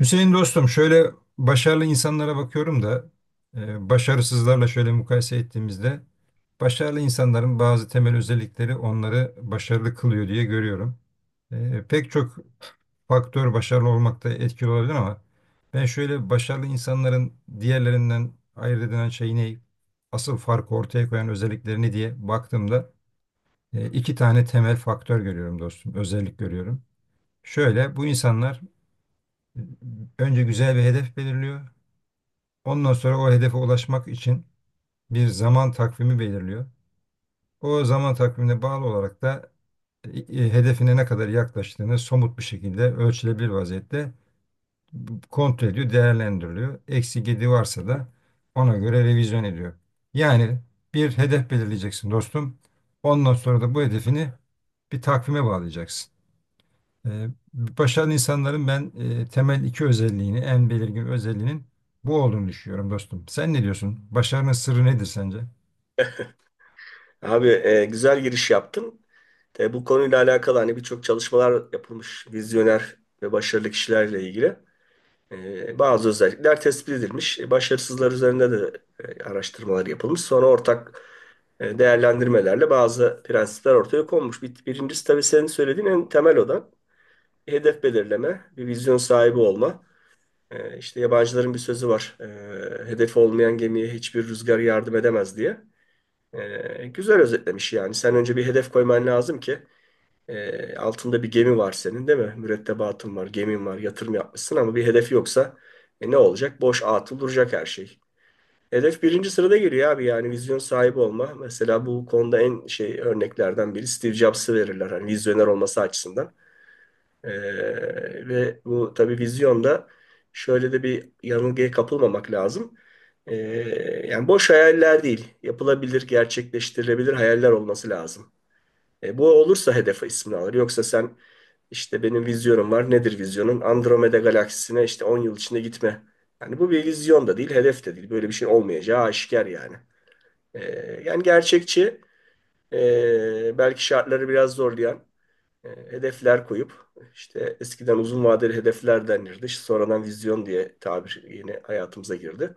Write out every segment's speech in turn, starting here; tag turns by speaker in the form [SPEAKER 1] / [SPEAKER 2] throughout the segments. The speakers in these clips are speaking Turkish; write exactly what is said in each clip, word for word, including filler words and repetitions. [SPEAKER 1] Hüseyin dostum şöyle başarılı insanlara bakıyorum da e, başarısızlarla şöyle mukayese ettiğimizde başarılı insanların bazı temel özellikleri onları başarılı kılıyor diye görüyorum. E, pek çok faktör başarılı olmakta etkili olabilir ama ben şöyle başarılı insanların diğerlerinden ayırt edilen şey ne, asıl farkı ortaya koyan özelliklerini diye baktığımda e, iki tane temel faktör görüyorum dostum, özellik görüyorum. Şöyle, bu insanlar önce güzel bir hedef belirliyor. Ondan sonra o hedefe ulaşmak için bir zaman takvimi belirliyor. O zaman takvimine bağlı olarak da e, e, hedefine ne kadar yaklaştığını somut bir şekilde ölçülebilir vaziyette kontrol ediyor, değerlendiriliyor. Eksi gidi varsa da ona göre revizyon ediyor. Yani bir hedef belirleyeceksin dostum. Ondan sonra da bu hedefini bir takvime bağlayacaksın. Ee, Başarılı insanların ben e, temel iki özelliğini, en belirgin özelliğinin bu olduğunu düşünüyorum dostum. Sen ne diyorsun? Başarının sırrı nedir sence?
[SPEAKER 2] Abi e, güzel giriş yaptın. E, bu konuyla alakalı hani birçok çalışmalar yapılmış vizyoner ve başarılı kişilerle ilgili. E, bazı özellikler tespit edilmiş. E, başarısızlar üzerinde de e, araştırmalar yapılmış. Sonra ortak e, değerlendirmelerle bazı prensipler ortaya konmuş. Bir, birincisi tabii senin söylediğin en temel olan hedef belirleme, bir vizyon sahibi olma. E, işte yabancıların bir sözü var: E, hedefi olmayan gemiye hiçbir rüzgar yardım edemez diye. Ee, güzel özetlemiş yani. Sen önce bir hedef koyman lazım ki e, altında bir gemi var senin, değil mi? Mürettebatın var, gemin var, yatırım yapmışsın ama bir hedef yoksa e, ne olacak? Boş atıl duracak her şey. Hedef birinci sırada geliyor abi, yani vizyon sahibi olma. Mesela bu konuda en şey örneklerden biri Steve Jobs'ı verirler, hani vizyoner olması açısından. Ee, ve bu tabii vizyonda şöyle de bir yanılgıya kapılmamak lazım. Ee, yani boş hayaller değil, yapılabilir, gerçekleştirilebilir hayaller olması lazım. E, bu olursa hedef ismini alır. Yoksa sen, işte benim vizyonum var. Nedir vizyonun? Andromeda galaksisine işte on yıl içinde gitme. Yani bu bir vizyon da değil, hedef de değil. Böyle bir şey olmayacağı aşikar yani. Ee, yani gerçekçi, e, belki şartları biraz zorlayan e, hedefler koyup, işte eskiden uzun vadeli hedefler denirdi. İşte sonradan vizyon diye tabir yine hayatımıza girdi.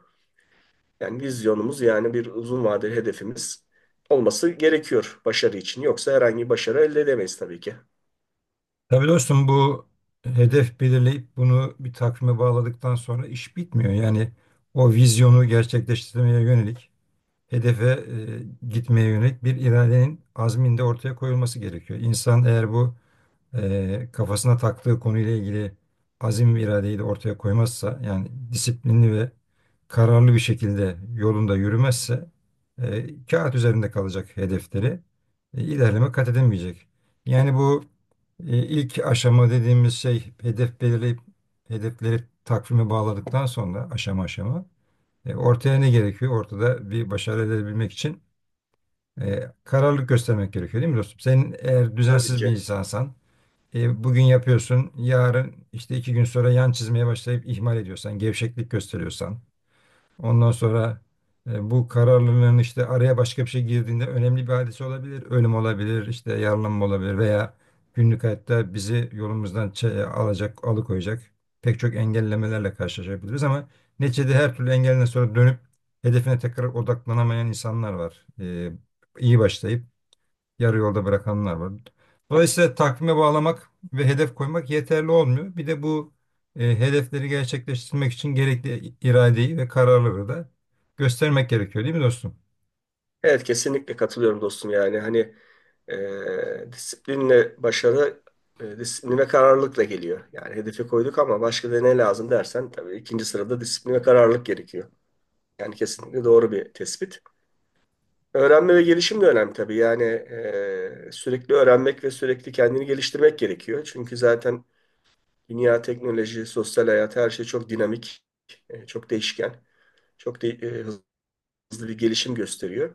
[SPEAKER 2] Yani vizyonumuz, yani bir uzun vadeli hedefimiz olması gerekiyor başarı için. Yoksa herhangi bir başarı elde edemeyiz tabii ki.
[SPEAKER 1] Tabii dostum, bu hedef belirleyip bunu bir takvime bağladıktan sonra iş bitmiyor. Yani o vizyonu gerçekleştirmeye yönelik, hedefe e, gitmeye yönelik bir iradenin azminde ortaya koyulması gerekiyor. İnsan eğer bu e, kafasına taktığı konuyla ilgili azim ve iradeyi de ortaya koymazsa, yani disiplinli ve kararlı bir şekilde yolunda yürümezse e, kağıt üzerinde kalacak hedefleri e, ilerleme kat edemeyecek. Yani bu e, ilk aşama dediğimiz şey, hedef belirleyip hedefleri takvime bağladıktan sonra aşama aşama e, ortaya ne gerekiyor? Ortada bir başarı elde edebilmek için e, kararlılık göstermek gerekiyor değil mi dostum? Sen eğer
[SPEAKER 2] Tabii
[SPEAKER 1] düzensiz bir
[SPEAKER 2] ki.
[SPEAKER 1] insansan, e, bugün yapıyorsun, yarın işte iki gün sonra yan çizmeye başlayıp ihmal ediyorsan, gevşeklik gösteriyorsan, ondan sonra e, bu kararlılığın işte, araya başka bir şey girdiğinde önemli bir hadise olabilir, ölüm olabilir, işte yaralanma olabilir veya günlük hayatta bizi yolumuzdan çe- e, alacak, alıkoyacak pek çok engellemelerle karşılaşabiliriz ama neticede her türlü engelden sonra dönüp hedefine tekrar odaklanamayan insanlar var. E, iyi başlayıp yarı yolda bırakanlar var. Dolayısıyla takvime bağlamak ve hedef koymak yeterli olmuyor. Bir de bu e, hedefleri gerçekleştirmek için gerekli iradeyi ve kararlılığı da göstermek gerekiyor değil mi dostum?
[SPEAKER 2] Evet, kesinlikle katılıyorum dostum, yani hani e, disiplinle başarı, e, disiplin ve kararlılıkla geliyor. Yani hedefi koyduk ama başka da ne lazım dersen, tabii ikinci sırada disiplin ve kararlılık gerekiyor. Yani kesinlikle doğru bir tespit. Öğrenme ve gelişim de önemli tabii. Yani e, sürekli öğrenmek ve sürekli kendini geliştirmek gerekiyor. Çünkü zaten dünya, teknoloji, sosyal hayat, her şey çok dinamik, e, çok değişken, çok de- e, hızlı bir gelişim gösteriyor.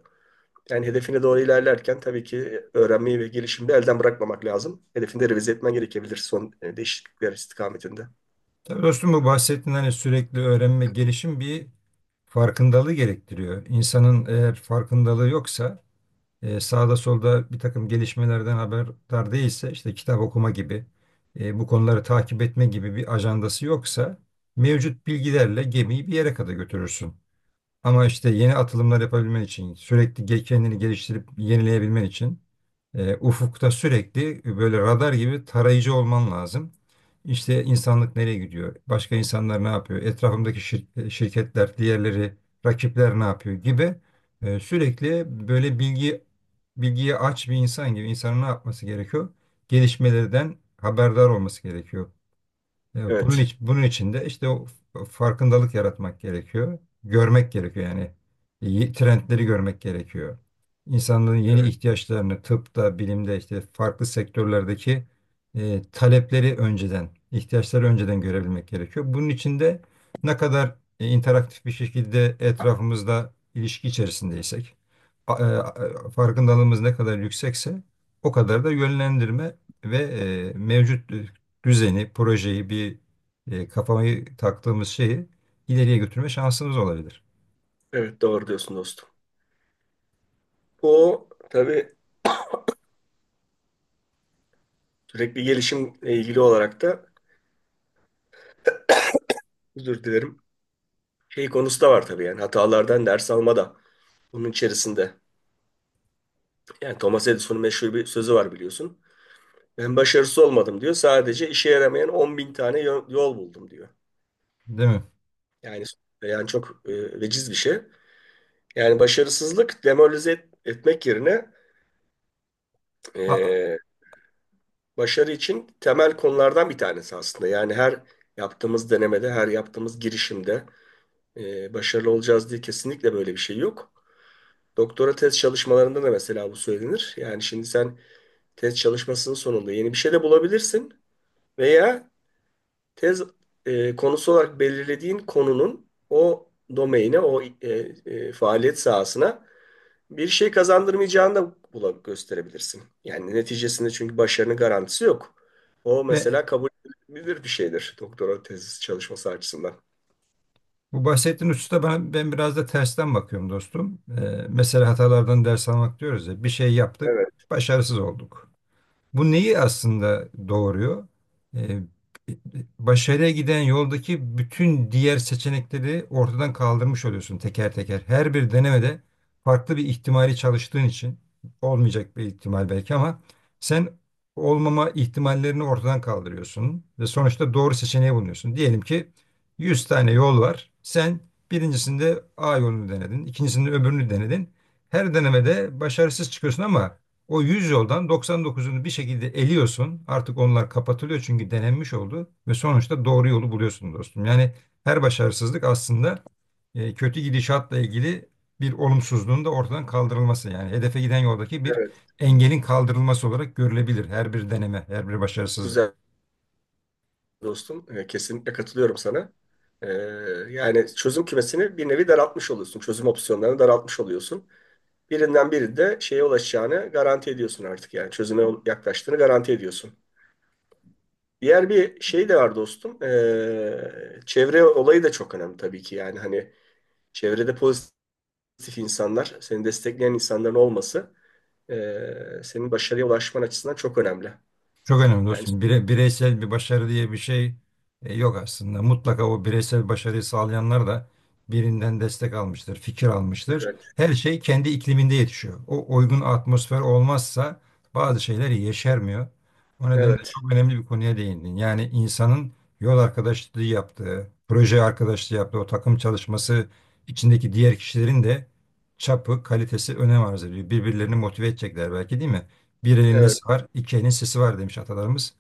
[SPEAKER 2] Yani hedefine doğru ilerlerken tabii ki öğrenmeyi ve gelişimi de elden bırakmamak lazım. Hedefinde revize etmen gerekebilir son e, değişiklikler istikametinde.
[SPEAKER 1] Tabii dostum, bu bahsettiğin hani sürekli öğrenme, gelişim bir farkındalığı gerektiriyor. İnsanın eğer farkındalığı yoksa, e, sağda solda bir takım gelişmelerden haberdar değilse, işte kitap okuma gibi, e, bu konuları takip etme gibi bir ajandası yoksa mevcut bilgilerle gemiyi bir yere kadar götürürsün. Ama işte yeni atılımlar yapabilmen için, sürekli ge- kendini geliştirip yenileyebilmen için e, ufukta sürekli böyle radar gibi tarayıcı olman lazım. İşte insanlık nereye gidiyor? Başka insanlar ne yapıyor? Etrafımdaki şir- e, şirketler, diğerleri, rakipler ne yapıyor gibi, e, sürekli böyle bilgi bilgiye aç bir insan gibi insanın ne yapması gerekiyor? Gelişmelerden haberdar olması gerekiyor. Evet, Bunun
[SPEAKER 2] Evet,
[SPEAKER 1] için, bunun için de işte o f- farkındalık yaratmak gerekiyor. Görmek gerekiyor yani. Y- Trendleri görmek gerekiyor. İnsanların yeni
[SPEAKER 2] evet,
[SPEAKER 1] ihtiyaçlarını tıpta, bilimde, işte farklı sektörlerdeki e, talepleri önceden, ihtiyaçları önceden görebilmek gerekiyor. Bunun için de ne kadar e, interaktif bir şekilde etrafımızda ilişki içerisindeysek, a- e, a- farkındalığımız ne kadar yüksekse o kadar da yönlendirme ve e, mevcut e, düzeni, projeyi, bir e, kafamı taktığımız şeyi ileriye götürme şansımız olabilir.
[SPEAKER 2] evet, doğru diyorsun dostum. O tabii, sürekli gelişimle ilgili olarak da, özür dilerim, şey konusu da var tabii, yani hatalardan ders alma da bunun içerisinde. Yani Thomas Edison'un meşhur bir sözü var, biliyorsun. Ben başarısız olmadım diyor, sadece işe yaramayan on bin tane yo- yol buldum diyor.
[SPEAKER 1] Değil mi?
[SPEAKER 2] Yani yani çok e, veciz bir şey. Yani başarısızlık, demoralize et- etmek yerine,
[SPEAKER 1] Aa,
[SPEAKER 2] e, başarı için temel konulardan bir tanesi aslında. Yani her yaptığımız denemede, her yaptığımız girişimde e, başarılı olacağız diye kesinlikle böyle bir şey yok. Doktora tez çalışmalarında da mesela bu söylenir. Yani şimdi sen, tez çalışmasının sonunda yeni bir şey de bulabilirsin veya tez e, konusu olarak belirlediğin konunun o domaine, o e, e, faaliyet sahasına bir şey kazandırmayacağını da bula- gösterebilirsin. Yani neticesinde, çünkü başarının garantisi yok. O
[SPEAKER 1] ve
[SPEAKER 2] mesela kabul edilebilir bir şeydir doktora tez çalışması açısından.
[SPEAKER 1] bu bahsettiğin hususta ben, ben biraz da tersten bakıyorum dostum. E, mesela hatalardan ders almak diyoruz ya, bir şey yaptık,
[SPEAKER 2] Evet,
[SPEAKER 1] başarısız olduk. Bu neyi aslında doğuruyor? Ee, Başarıya giden yoldaki bütün diğer seçenekleri ortadan kaldırmış oluyorsun teker teker. Her bir denemede farklı bir ihtimali çalıştığın için, olmayacak bir ihtimal belki ama sen olmama ihtimallerini ortadan kaldırıyorsun ve sonuçta doğru seçeneği bulunuyorsun. Diyelim ki yüz tane yol var. Sen birincisinde A yolunu denedin, ikincisinde öbürünü denedin. Her denemede başarısız çıkıyorsun ama o yüz yoldan doksan dokuzunu bir şekilde eliyorsun. Artık onlar kapatılıyor çünkü denenmiş oldu ve sonuçta doğru yolu buluyorsun dostum. Yani her başarısızlık aslında e, kötü gidişatla ilgili bir olumsuzluğun da ortadan kaldırılması. Yani hedefe giden yoldaki bir
[SPEAKER 2] evet.
[SPEAKER 1] engelin kaldırılması olarak görülebilir her bir deneme, her bir başarısızlık.
[SPEAKER 2] Güzel dostum. E, kesinlikle katılıyorum sana. E, yani çözüm kümesini bir nevi daraltmış oluyorsun. Çözüm opsiyonlarını daraltmış oluyorsun. Birinden biri de şeye ulaşacağını garanti ediyorsun artık, yani çözüme yaklaştığını garanti ediyorsun. Diğer bir şey de var dostum. Ee, çevre olayı da çok önemli tabii ki, yani hani çevrede pozitif insanlar, seni destekleyen insanların olması, ee, senin başarıya ulaşman açısından çok önemli.
[SPEAKER 1] Çok önemli
[SPEAKER 2] Yani
[SPEAKER 1] dostum. Bire- bireysel bir başarı diye bir şey e, yok aslında. Mutlaka o bireysel başarıyı sağlayanlar da birinden destek almıştır, fikir almıştır.
[SPEAKER 2] evet,
[SPEAKER 1] Her şey kendi ikliminde yetişiyor. O uygun atmosfer olmazsa bazı şeyler yeşermiyor. O nedenle
[SPEAKER 2] evet,
[SPEAKER 1] çok önemli bir konuya değindin. Yani insanın yol arkadaşlığı yaptığı, proje arkadaşlığı yaptığı, o takım çalışması içindeki diğer kişilerin de çapı, kalitesi önem arz ediyor. Birbirlerini motive edecekler belki değil mi? Bir elin
[SPEAKER 2] evet,
[SPEAKER 1] nesi var, iki elin sesi var demiş atalarımız.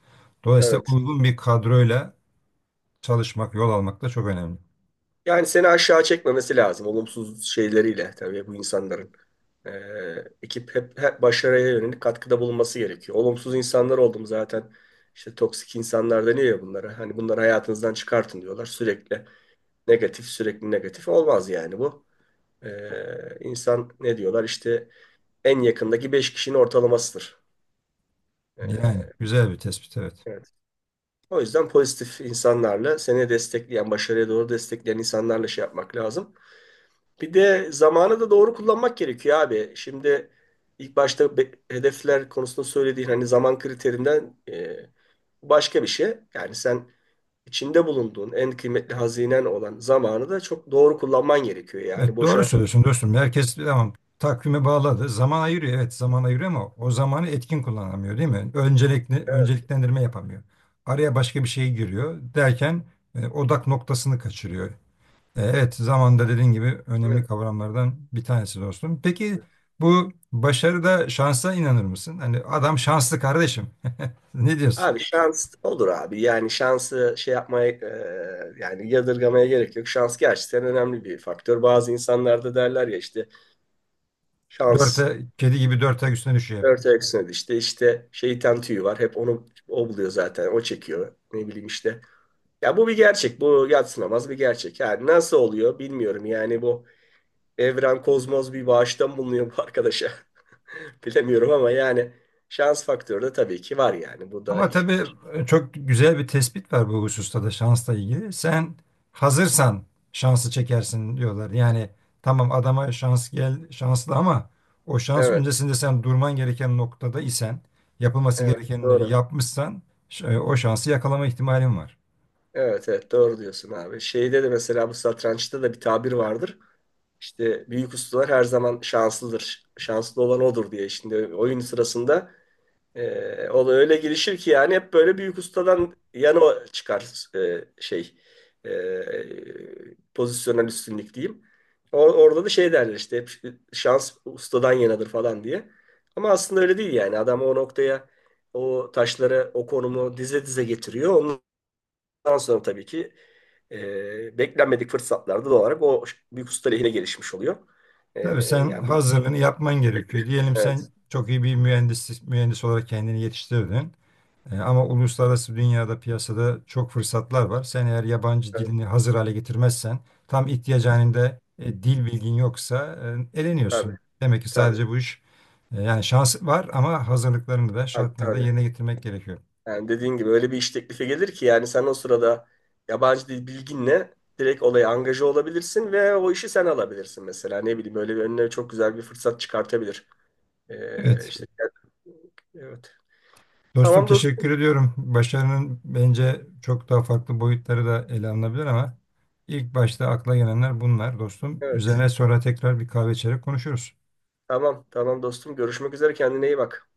[SPEAKER 1] Dolayısıyla
[SPEAKER 2] evet.
[SPEAKER 1] uygun bir kadroyla çalışmak, yol almak da çok önemli.
[SPEAKER 2] Yani seni aşağı çekmemesi lazım olumsuz şeyleriyle, tabii bu insanların. Ee, ekip hep, hep başarıya yönelik katkıda bulunması gerekiyor. Olumsuz insanlar oldum zaten. İşte toksik insanlar deniyor ya bunlara. Hani bunları hayatınızdan çıkartın diyorlar. Sürekli negatif, sürekli negatif olmaz yani bu. Ee, insan, ne diyorlar işte, en yakındaki beş kişinin ortalamasıdır.
[SPEAKER 1] Yani
[SPEAKER 2] Ee,
[SPEAKER 1] güzel bir tespit, evet.
[SPEAKER 2] evet. O yüzden pozitif insanlarla, seni destekleyen, başarıya doğru destekleyen insanlarla şey yapmak lazım. Bir de zamanı da doğru kullanmak gerekiyor abi. Şimdi ilk başta be- hedefler konusunda söylediğin hani zaman kriterinden e, başka bir şey. Yani sen, içinde bulunduğun en kıymetli hazinen olan zamanı da çok doğru kullanman gerekiyor. Yani
[SPEAKER 1] Evet, doğru
[SPEAKER 2] boşa.
[SPEAKER 1] söylüyorsun dostum. Herkes tamam, takvime bağladı. Zaman ayırıyor, evet zaman ayırıyor ama o zamanı etkin kullanamıyor değil mi? Öncelikli,
[SPEAKER 2] Evet.
[SPEAKER 1] önceliklendirme yapamıyor. Araya başka bir şey giriyor derken e, odak noktasını kaçırıyor. Evet, zamanda dediğin gibi
[SPEAKER 2] Evet.
[SPEAKER 1] önemli kavramlardan bir tanesi dostum. Peki bu başarıda şansa inanır mısın? Hani adam şanslı kardeşim. Ne diyorsun?
[SPEAKER 2] Abi şans olur abi. Yani şansı şey yapmaya, e, yani yadırgamaya gerek yok. Şans gerçekten önemli bir faktör. Bazı insanlarda derler ya işte, şans.
[SPEAKER 1] Dörte, kedi gibi dört ayak üstüne düşüyor hep.
[SPEAKER 2] Dört ayak, işte işte şeytan tüyü var. Hep onu o buluyor zaten. O çekiyor. Ne bileyim işte. Ya bu bir gerçek. Bu yadsınamaz bir gerçek. Yani nasıl oluyor bilmiyorum. Yani bu evren, kozmos, bir bağıştan bulunuyor bu arkadaşa. Bilemiyorum ama yani şans faktörü de tabii ki var yani. Bu da
[SPEAKER 1] Ama tabii e, çok güzel bir tespit var bu hususta da şansla ilgili. Sen hazırsan şansı çekersin diyorlar. Yani tamam, adama şans gel şanslı ama o şans
[SPEAKER 2] evet,
[SPEAKER 1] öncesinde sen durman gereken noktada isen, yapılması
[SPEAKER 2] evet,
[SPEAKER 1] gerekenleri
[SPEAKER 2] doğru.
[SPEAKER 1] yapmışsan ş- e, o şansı yakalama ihtimalin var.
[SPEAKER 2] Evet, evet, doğru diyorsun abi. Şeyde de mesela, bu satrançta da bir tabir vardır: İşte büyük ustalar her zaman şanslıdır, şanslı olan odur diye. Şimdi oyun sırasında Ee, o da öyle girişir ki, yani hep böyle büyük ustadan yana o çıkar, e, şey, e, pozisyonel üstünlük diyeyim. O- orada da şey derler işte, hep şans ustadan yanadır falan diye. Ama aslında öyle değil, yani adam o noktaya o taşları o konumu dize dize getiriyor. Ondan sonra tabii ki e, beklenmedik fırsatlarda doğal olarak o büyük usta lehine gelişmiş oluyor. E,
[SPEAKER 1] Tabii sen
[SPEAKER 2] yani bu,
[SPEAKER 1] hazırlığını yapman gerekiyor. Diyelim sen
[SPEAKER 2] evet,
[SPEAKER 1] çok iyi bir mühendis, mühendis olarak kendini yetiştirdin. E, ama uluslararası dünyada, piyasada çok fırsatlar var. Sen eğer yabancı
[SPEAKER 2] evet,
[SPEAKER 1] dilini hazır hale getirmezsen, tam ihtiyaç halinde e, dil bilgin yoksa e,
[SPEAKER 2] tabii,
[SPEAKER 1] eleniyorsun. Demek ki
[SPEAKER 2] tabii,
[SPEAKER 1] sadece bu iş e, yani şans var ama hazırlıklarını da
[SPEAKER 2] tabii.
[SPEAKER 1] şartlarını da
[SPEAKER 2] Tabii.
[SPEAKER 1] yerine getirmek gerekiyor.
[SPEAKER 2] Yani dediğin gibi öyle bir iş teklifi gelir ki yani sen o sırada yabancı dil bilginle direkt olaya angaje olabilirsin ve o işi sen alabilirsin mesela. Ne bileyim, böyle bir önüne çok güzel bir fırsat çıkartabilir. Ee,
[SPEAKER 1] Evet.
[SPEAKER 2] işte evet.
[SPEAKER 1] Dostum
[SPEAKER 2] Tamam dostum.
[SPEAKER 1] teşekkür ediyorum. Başarının bence çok daha farklı boyutları da ele alınabilir ama ilk başta akla gelenler bunlar dostum.
[SPEAKER 2] Evet.
[SPEAKER 1] Üzerine sonra tekrar bir kahve içerek konuşuruz.
[SPEAKER 2] Tamam tamam dostum. Görüşmek üzere, kendine iyi bak.